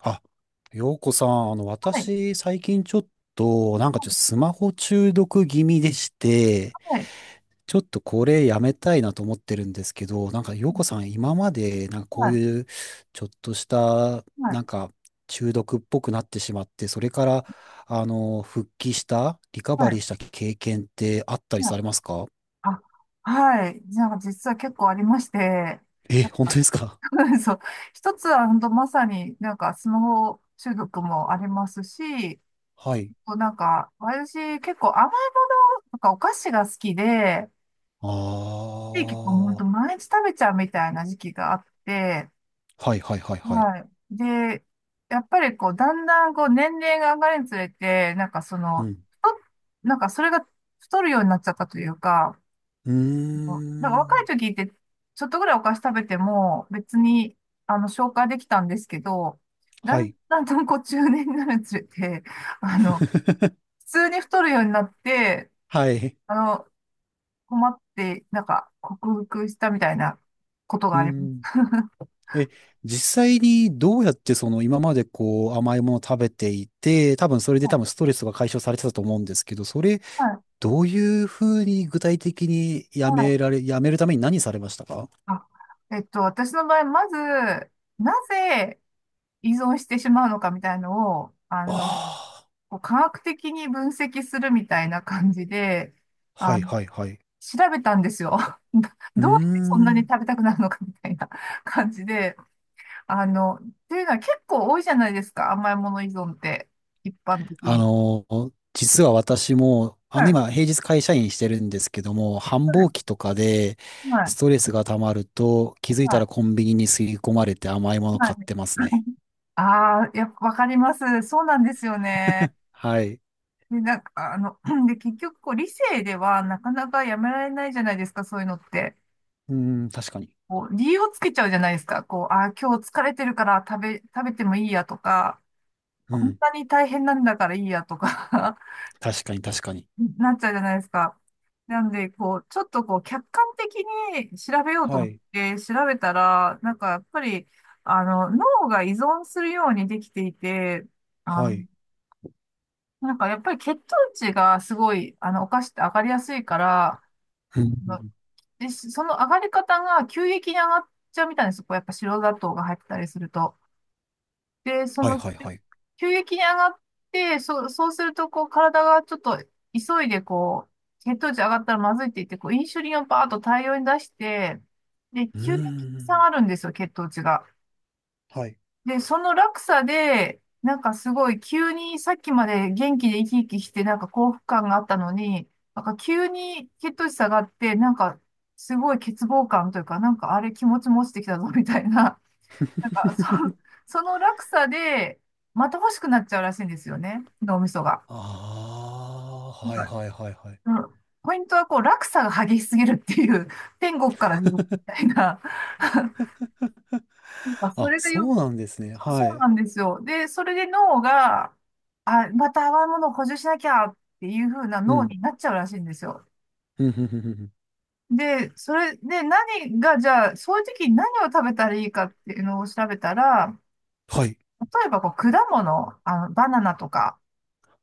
あ、ようこさん、はい、私、最近ちょっと、なんかちょっとスマホ中毒気味でして、はい、ちょっとこれやめたいなと思ってるんですけど、なんかようこさん、今まで、なんかこはうい、いう、ちょっとした、はい、なんか、中毒っぽくなってしまって、それから、復帰した、リカはバい、リーした経験ってあったりはい。されますか？あ、はい。じゃあ、実は結構ありまして、え、なん本当か、ですか？ そう、一つは本当まさにスマホ中毒もありますし、はい。私結構甘いものとかお菓子が好きで、あで結構あ、本当は毎日食べちゃうみたいな時期があって、いはいはいはい。はい。で、やっぱりこう、だんだんこう、年齢が上がるにつれて、うん。太っなんかそれが太るようになっちゃったというか、うー若いん。時って、ちょっとぐらいお菓子食べても、別に、消化できたんですけど、だはんい。だんとこう、中年になるにつれて、あの、普通に太るようになって、はい。あの、困って、克服したみたいなことがうありまん。す。え、実際にどうやってその今までこう甘いものを食べていて、多分それで 多分ストレスが解消されてたと思うんですけど、それはい。どういうふうに具体的にはい。やめるために何されましたか？あ私の場合、まず、なぜ依存してしまうのかみたいのを、あこう科学的に分析するみたいな感じで、あー、はあいの、はいはい。調べたんですよ。うーどどうしてそんなにん。食べたくなるのかみたいな感じで、あの、っていうのは結構多いじゃないですか、甘いもの依存って、一般的あに。の、実は私も、はい、今平日会社員してるんですけども、繁はい、忙期とかではい、ストレスが溜まると気づいはたい。らコンビニに吸い込まれて甘いも のは買っいてますね。ああ、やっぱわかります。そうなんですよね。はい。で、で、結局、こう、理性ではなかなかやめられないじゃないですか、そういうのって。うーん、確かに。こう、理由をつけちゃうじゃないですか。こう、あー、今日疲れてるから食べてもいいやとか、うこんん、なに大変なんだからいいやとか 確かに、確かに。なっちゃうじゃないですか。なんで、こう、ちょっとこう、客観的に調べようとは思っい、て調べたら、やっぱり、脳が依存するようにできていて、あはの、い。やっぱり血糖値がすごい、お菓子って上がりやすいから、うん、で、しその上がり方が急激に上がっちゃうみたいなんですよ。こう、やっぱ白砂糖が入ってたりすると。で、そはい、の、はい、はい。急激に上がって、そうすると、こう、体がちょっと急いで、こう、血糖値上がったらまずいって言って、こう、インシュリンをバーッと大量に出して、で、うー急激に下ん、がるんですよ、血糖値が。はい。で、その落差で、なんかすごい急にさっきまで元気で生き生きしてなんか幸福感があったのに、なんか急に血糖値下がって、なんかすごい欠乏感というか、なんかあれ気持ちも落ちてきたぞみたいな、なんかそ、その落差でまた欲しくなっちゃうらしいんですよね、脳みそが。ああ、なんはい、か、はい、はい、はい。うんポイントはこう落差が激しすぎるっていう、天国から地獄みたいな、なんかそあ、れがそよ、うなんですね。そうそはうい。なんですよ。で、それで脳が、あ、また甘いものを補充しなきゃっていう風なう脳ん。になっちゃうらしいんですよ。うん、うん、うん、うんうんで、それで何が、じゃあ、そういう時に何を食べたらいいかっていうのを調べたら、はい。例えばこう果物、あの、バナナとか。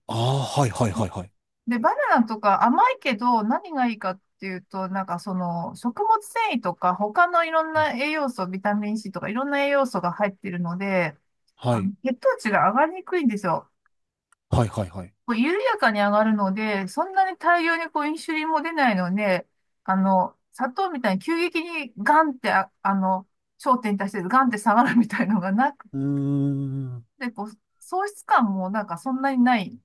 ああ、はい、はい、はい、はい。で、バナナとか甘いけど何がいいかっていうと、なんかその食物繊維とか他のいろんうんな栄養素、ビタミン C とかいろんな栄養素が入ってるので、はあのい、血糖値が上がりにくいんですよ。はい、はい、はい。こう緩やかに上がるので、そんなに大量にこうインシュリンも出ないので、砂糖みたいに急激にガンって、焦点に対してガンって下がるみたいのがなくうーん。て、こう、喪失感もなんかそんなにないん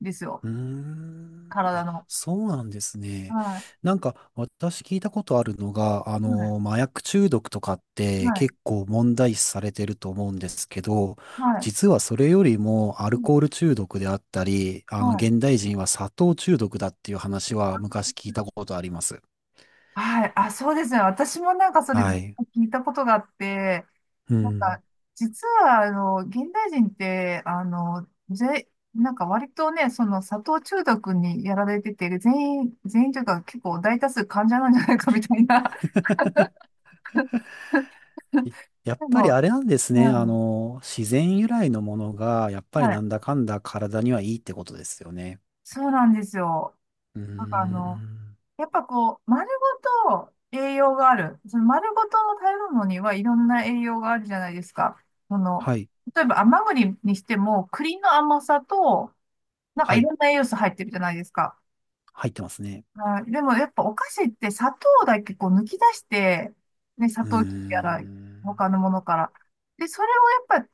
ですよ。うーん。体あ、の。そうなんですね。はなんか、私聞いたことあるのが、い。はい。麻薬中毒とかってはい。結構問題視されてると思うんですけど、はい。実はそれよりもアうルんコール中毒であったり、はい。現代人は砂糖中毒だっていう話はあ、昔聞いたことあります。はいあそうですね。私もなんかそれは聞い。いたことがあって、うなんん。か、実は、現代人って、あの、ぜ、なんか割とね、その砂糖中毒にやられてて、全員というか結構大多数患者なんじゃないかみたいな。いやっでぱりも、あれなんですね。うん自然由来のものが、やっぱりはない、んだかんだ体にはいいってことですよね。そうなんですよ。うーなんかあの、ん。やっぱこう、丸ごと栄養がある。その丸ごとの食べ物にはいろんな栄養があるじゃないですか。その、はい。例えば甘栗にしても、栗の甘さと、なんかはいい。ろんな栄養素入ってるじゃないですか。入ってますね。はい。でもやっぱお菓子って砂糖だけこう抜き出して、ね、砂うー糖切りやらん。他のものから。で、それをやっぱ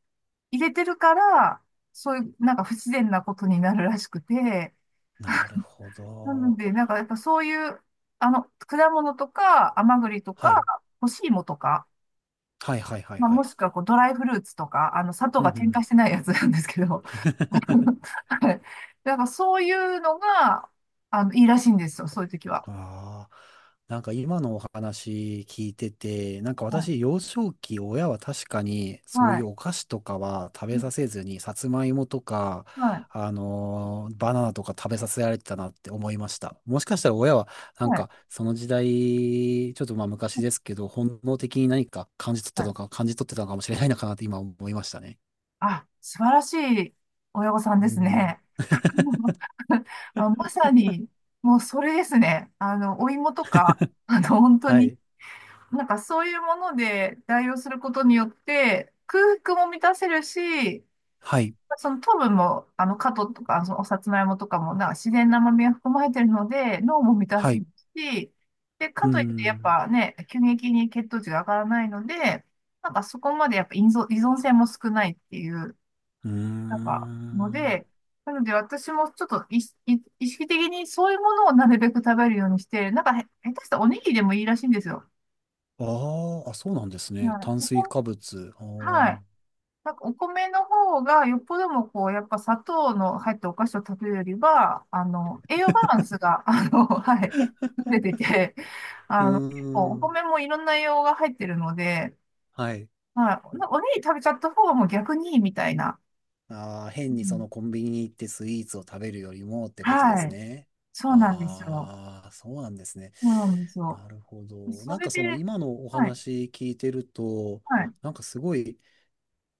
入れてるから、そういうなんか不自然なことになるらしくて、なるほなのど。でなんかやっぱそういう、果物とか甘栗とかはい。干し芋とか、はいはいはいまあ、はもい。しくはこうドライフルーツとか、砂糖うんうがんう添ん 加してないやつなんですけど、はい。なんかそういうのが、いいらしいんですよ、そういう時は。ああ、なんか今のお話聞いてて、なんかは私、い。幼少期、親は確かにそうはいうい。お菓子とかは食うべんさせずに、さつまいもとか、はい。バナナとか食べさせられてたなって思いました。もしかしたら親は、なんはい。かその時代、ちょっとまあ昔ですけど、本能的に何かはい感じ取ってたのかもしれないのかなって今思いましたね。あ、素晴らしい親御さんでうすん。ね。あ、まさに、もうそれですね。お芋とか、本当はに、い。なんかそういうもので代用することによって、空腹も満たせるし、はい。その糖分も、カトとか、そのおさつまいもとかも、なんか自然な甘みが含まれてるので、脳も満たはすい。し、で、かうーといって、やっん。ぱね、急激に血糖値が上がらないので、なんかそこまでやっぱ依存性も少ないっていう、うーなんか、のん。で、なので私もちょっと意識的にそういうものをなるべく食べるようにして、なんかへ、下手したらおにぎりでもいいらしいんですよ。ああ、あ、そうなんですね。はい。炭こ水こ化物。あはーいなんかお米の方がよっぽどもこう、やっぱ砂糖の入ったお菓子を食べるよりは、栄養バランスが、はい、優れてて、うー結構おん。米もいろんな栄養が入ってるので、はい。はい、おにぎり食べちゃった方がもう逆にいいみたいな。ああ、う変にそん、のコンビニに行ってスイーツを食べるよりもってことではすい。ね。そうなんですよ。ああ、そうなんですね。そうなんですよ。なるほど。そなんれかで、その今のおはい、話聞いてると、はい、なんかすごい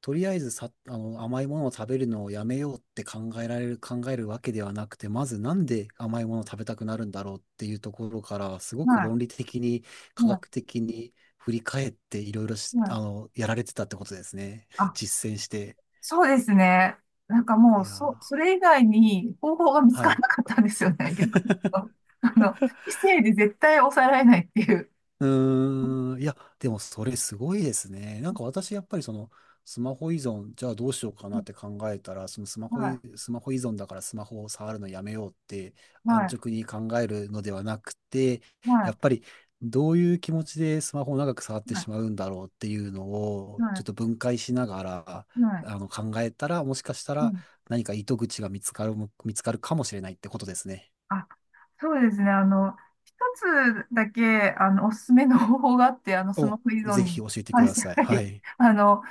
とりあえずさ、甘いものを食べるのをやめようって考えるわけではなくて、まずなんで甘いものを食べたくなるんだろうっていうところから、すごくは論理的に、い、科は学的に振り返っていろいろし、い、はあい。の、やられてたってことですね。あ実践して。そうですね。なんかもいう、やそ、そー、れ以外に方法が見つはからい。なかったんですよね、逆に言うと。あの、異性で絶対抑えられないっていう。うーん、いや、でもそれすごいですね。なんか私、やっぱりその、スマホ依存、じゃあどうしようかなって考えたら、そのはい、スマホ依存だからスマホを触るのやめようっては安い、直に考えるのではなくて、はやい、っぱりどういう気持ちでスマホを長く触ってしはまうんだろうっていうのい、を、はちょっい、と分解しながら、はい。考えたら、もしかしたはらい何か糸口が見つかるかもしれないってことですね。あ、そうですね。一つだけ、おすすめの方法があって、スマお、ホ依存ぜひに教えてく関だして、さい。ははい。い。あの、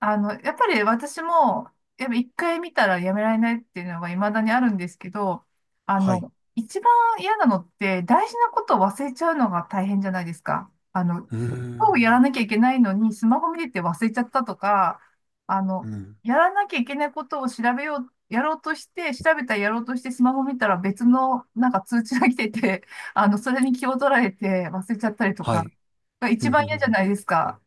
やっぱり私も、やっぱ一回見たらやめられないっていうのが未だにあるんですけど、はい。一番嫌なのって、大事なことを忘れちゃうのが大変じゃないですか。うー今日やらん。なきゃいけないのに、スマホ見てて忘れちゃったとか、あうの、ん。やらなきゃいけないことを調べよう、やろうとして、調べたらやろうとして、スマホ見たら別のなんか通知が来てて、それに気を取られて忘れちゃったりとはか、い。が う一んうん番うん嫌じゃふんないですか。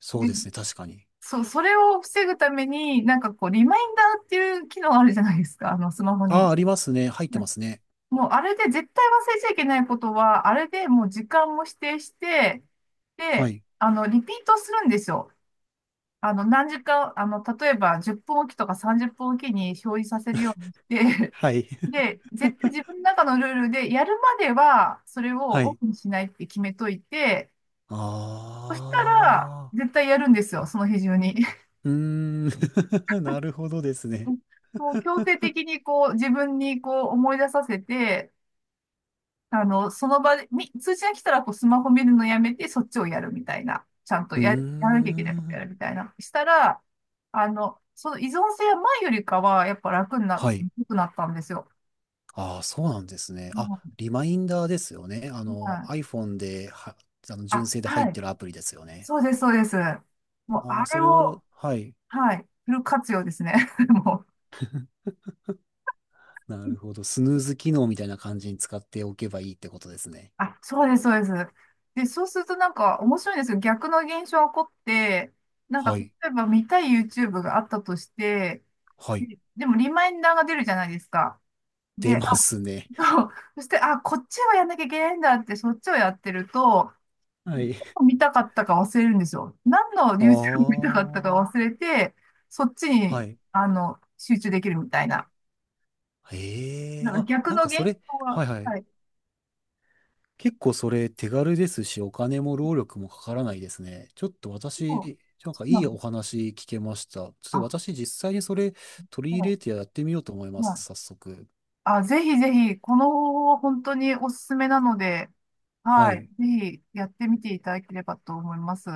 そうですね、確かに。そう、それを防ぐために、なんかこう、リマインダーっていう機能あるじゃないですか、あの、スマホああ、に。ありますね。入ってはまいすね。もう、あれで絶対忘れちゃいけないことは、あれでもう時間も指定して、はで、い。リピートするんですよ。あの、何時間、あの、例えば10分おきとか30分おきに表示させるようにして、はい。で、絶対自分の中のルールで、やるまでは、それをはオい。フにしないって決めといて、あそしたら、あ。絶対やるんですよ、その日中に。うーん。なるほどですね。もう強 制的にこう自分にこう思い出させて、あの、その場で、み、通知が来たらこうスマホ見るのやめてそっちをやるみたいな。ちゃんとうーや、やらなきゃいけないことん。やるみたいな。したら、その依存性は前よりかはやっぱ楽にな、はい。良くなったんですよ。ああ、そうなんですね。もあ、う、リマインダーですよね。はい。iPhone では、純あ、正で入っはい。てるアプリですよね。そうです、そうです。もうあああ、れそれを、を、はい。はい。フル活用ですね。もう。なるほど。スヌーズ機能みたいな感じに使っておけばいいってことですね。あ、そうです、そうです。で、そうするとなんか面白いんですよ。逆の現象が起こって、なんかはい。例えば見たい YouTube があったとして、はい。ででもリマインダーが出るじゃないですか。出で、あますね。と、そして、あ、こっちはやんなきゃいけないんだって、そっちをやってると、はい。見たかったか忘れるんですよ。何の あ YouTube 見たかったか忘あ、れて、そっちはに、い。集中できるみたいな。えなえ、んかあ、逆なんのか現それ、象が、はいははい。い。結構それ手軽ですし、お金も労力もかからないですね。ちょっとそう、私、なんそかういないの。お話聞けました。ちょっとあ、私実際にそれ取り入れそてやってみようと思います、う。早速。あ、ぜひぜひ、この方法は本当におすすめなので、ははい。い。ぜひやってみていただければと思います。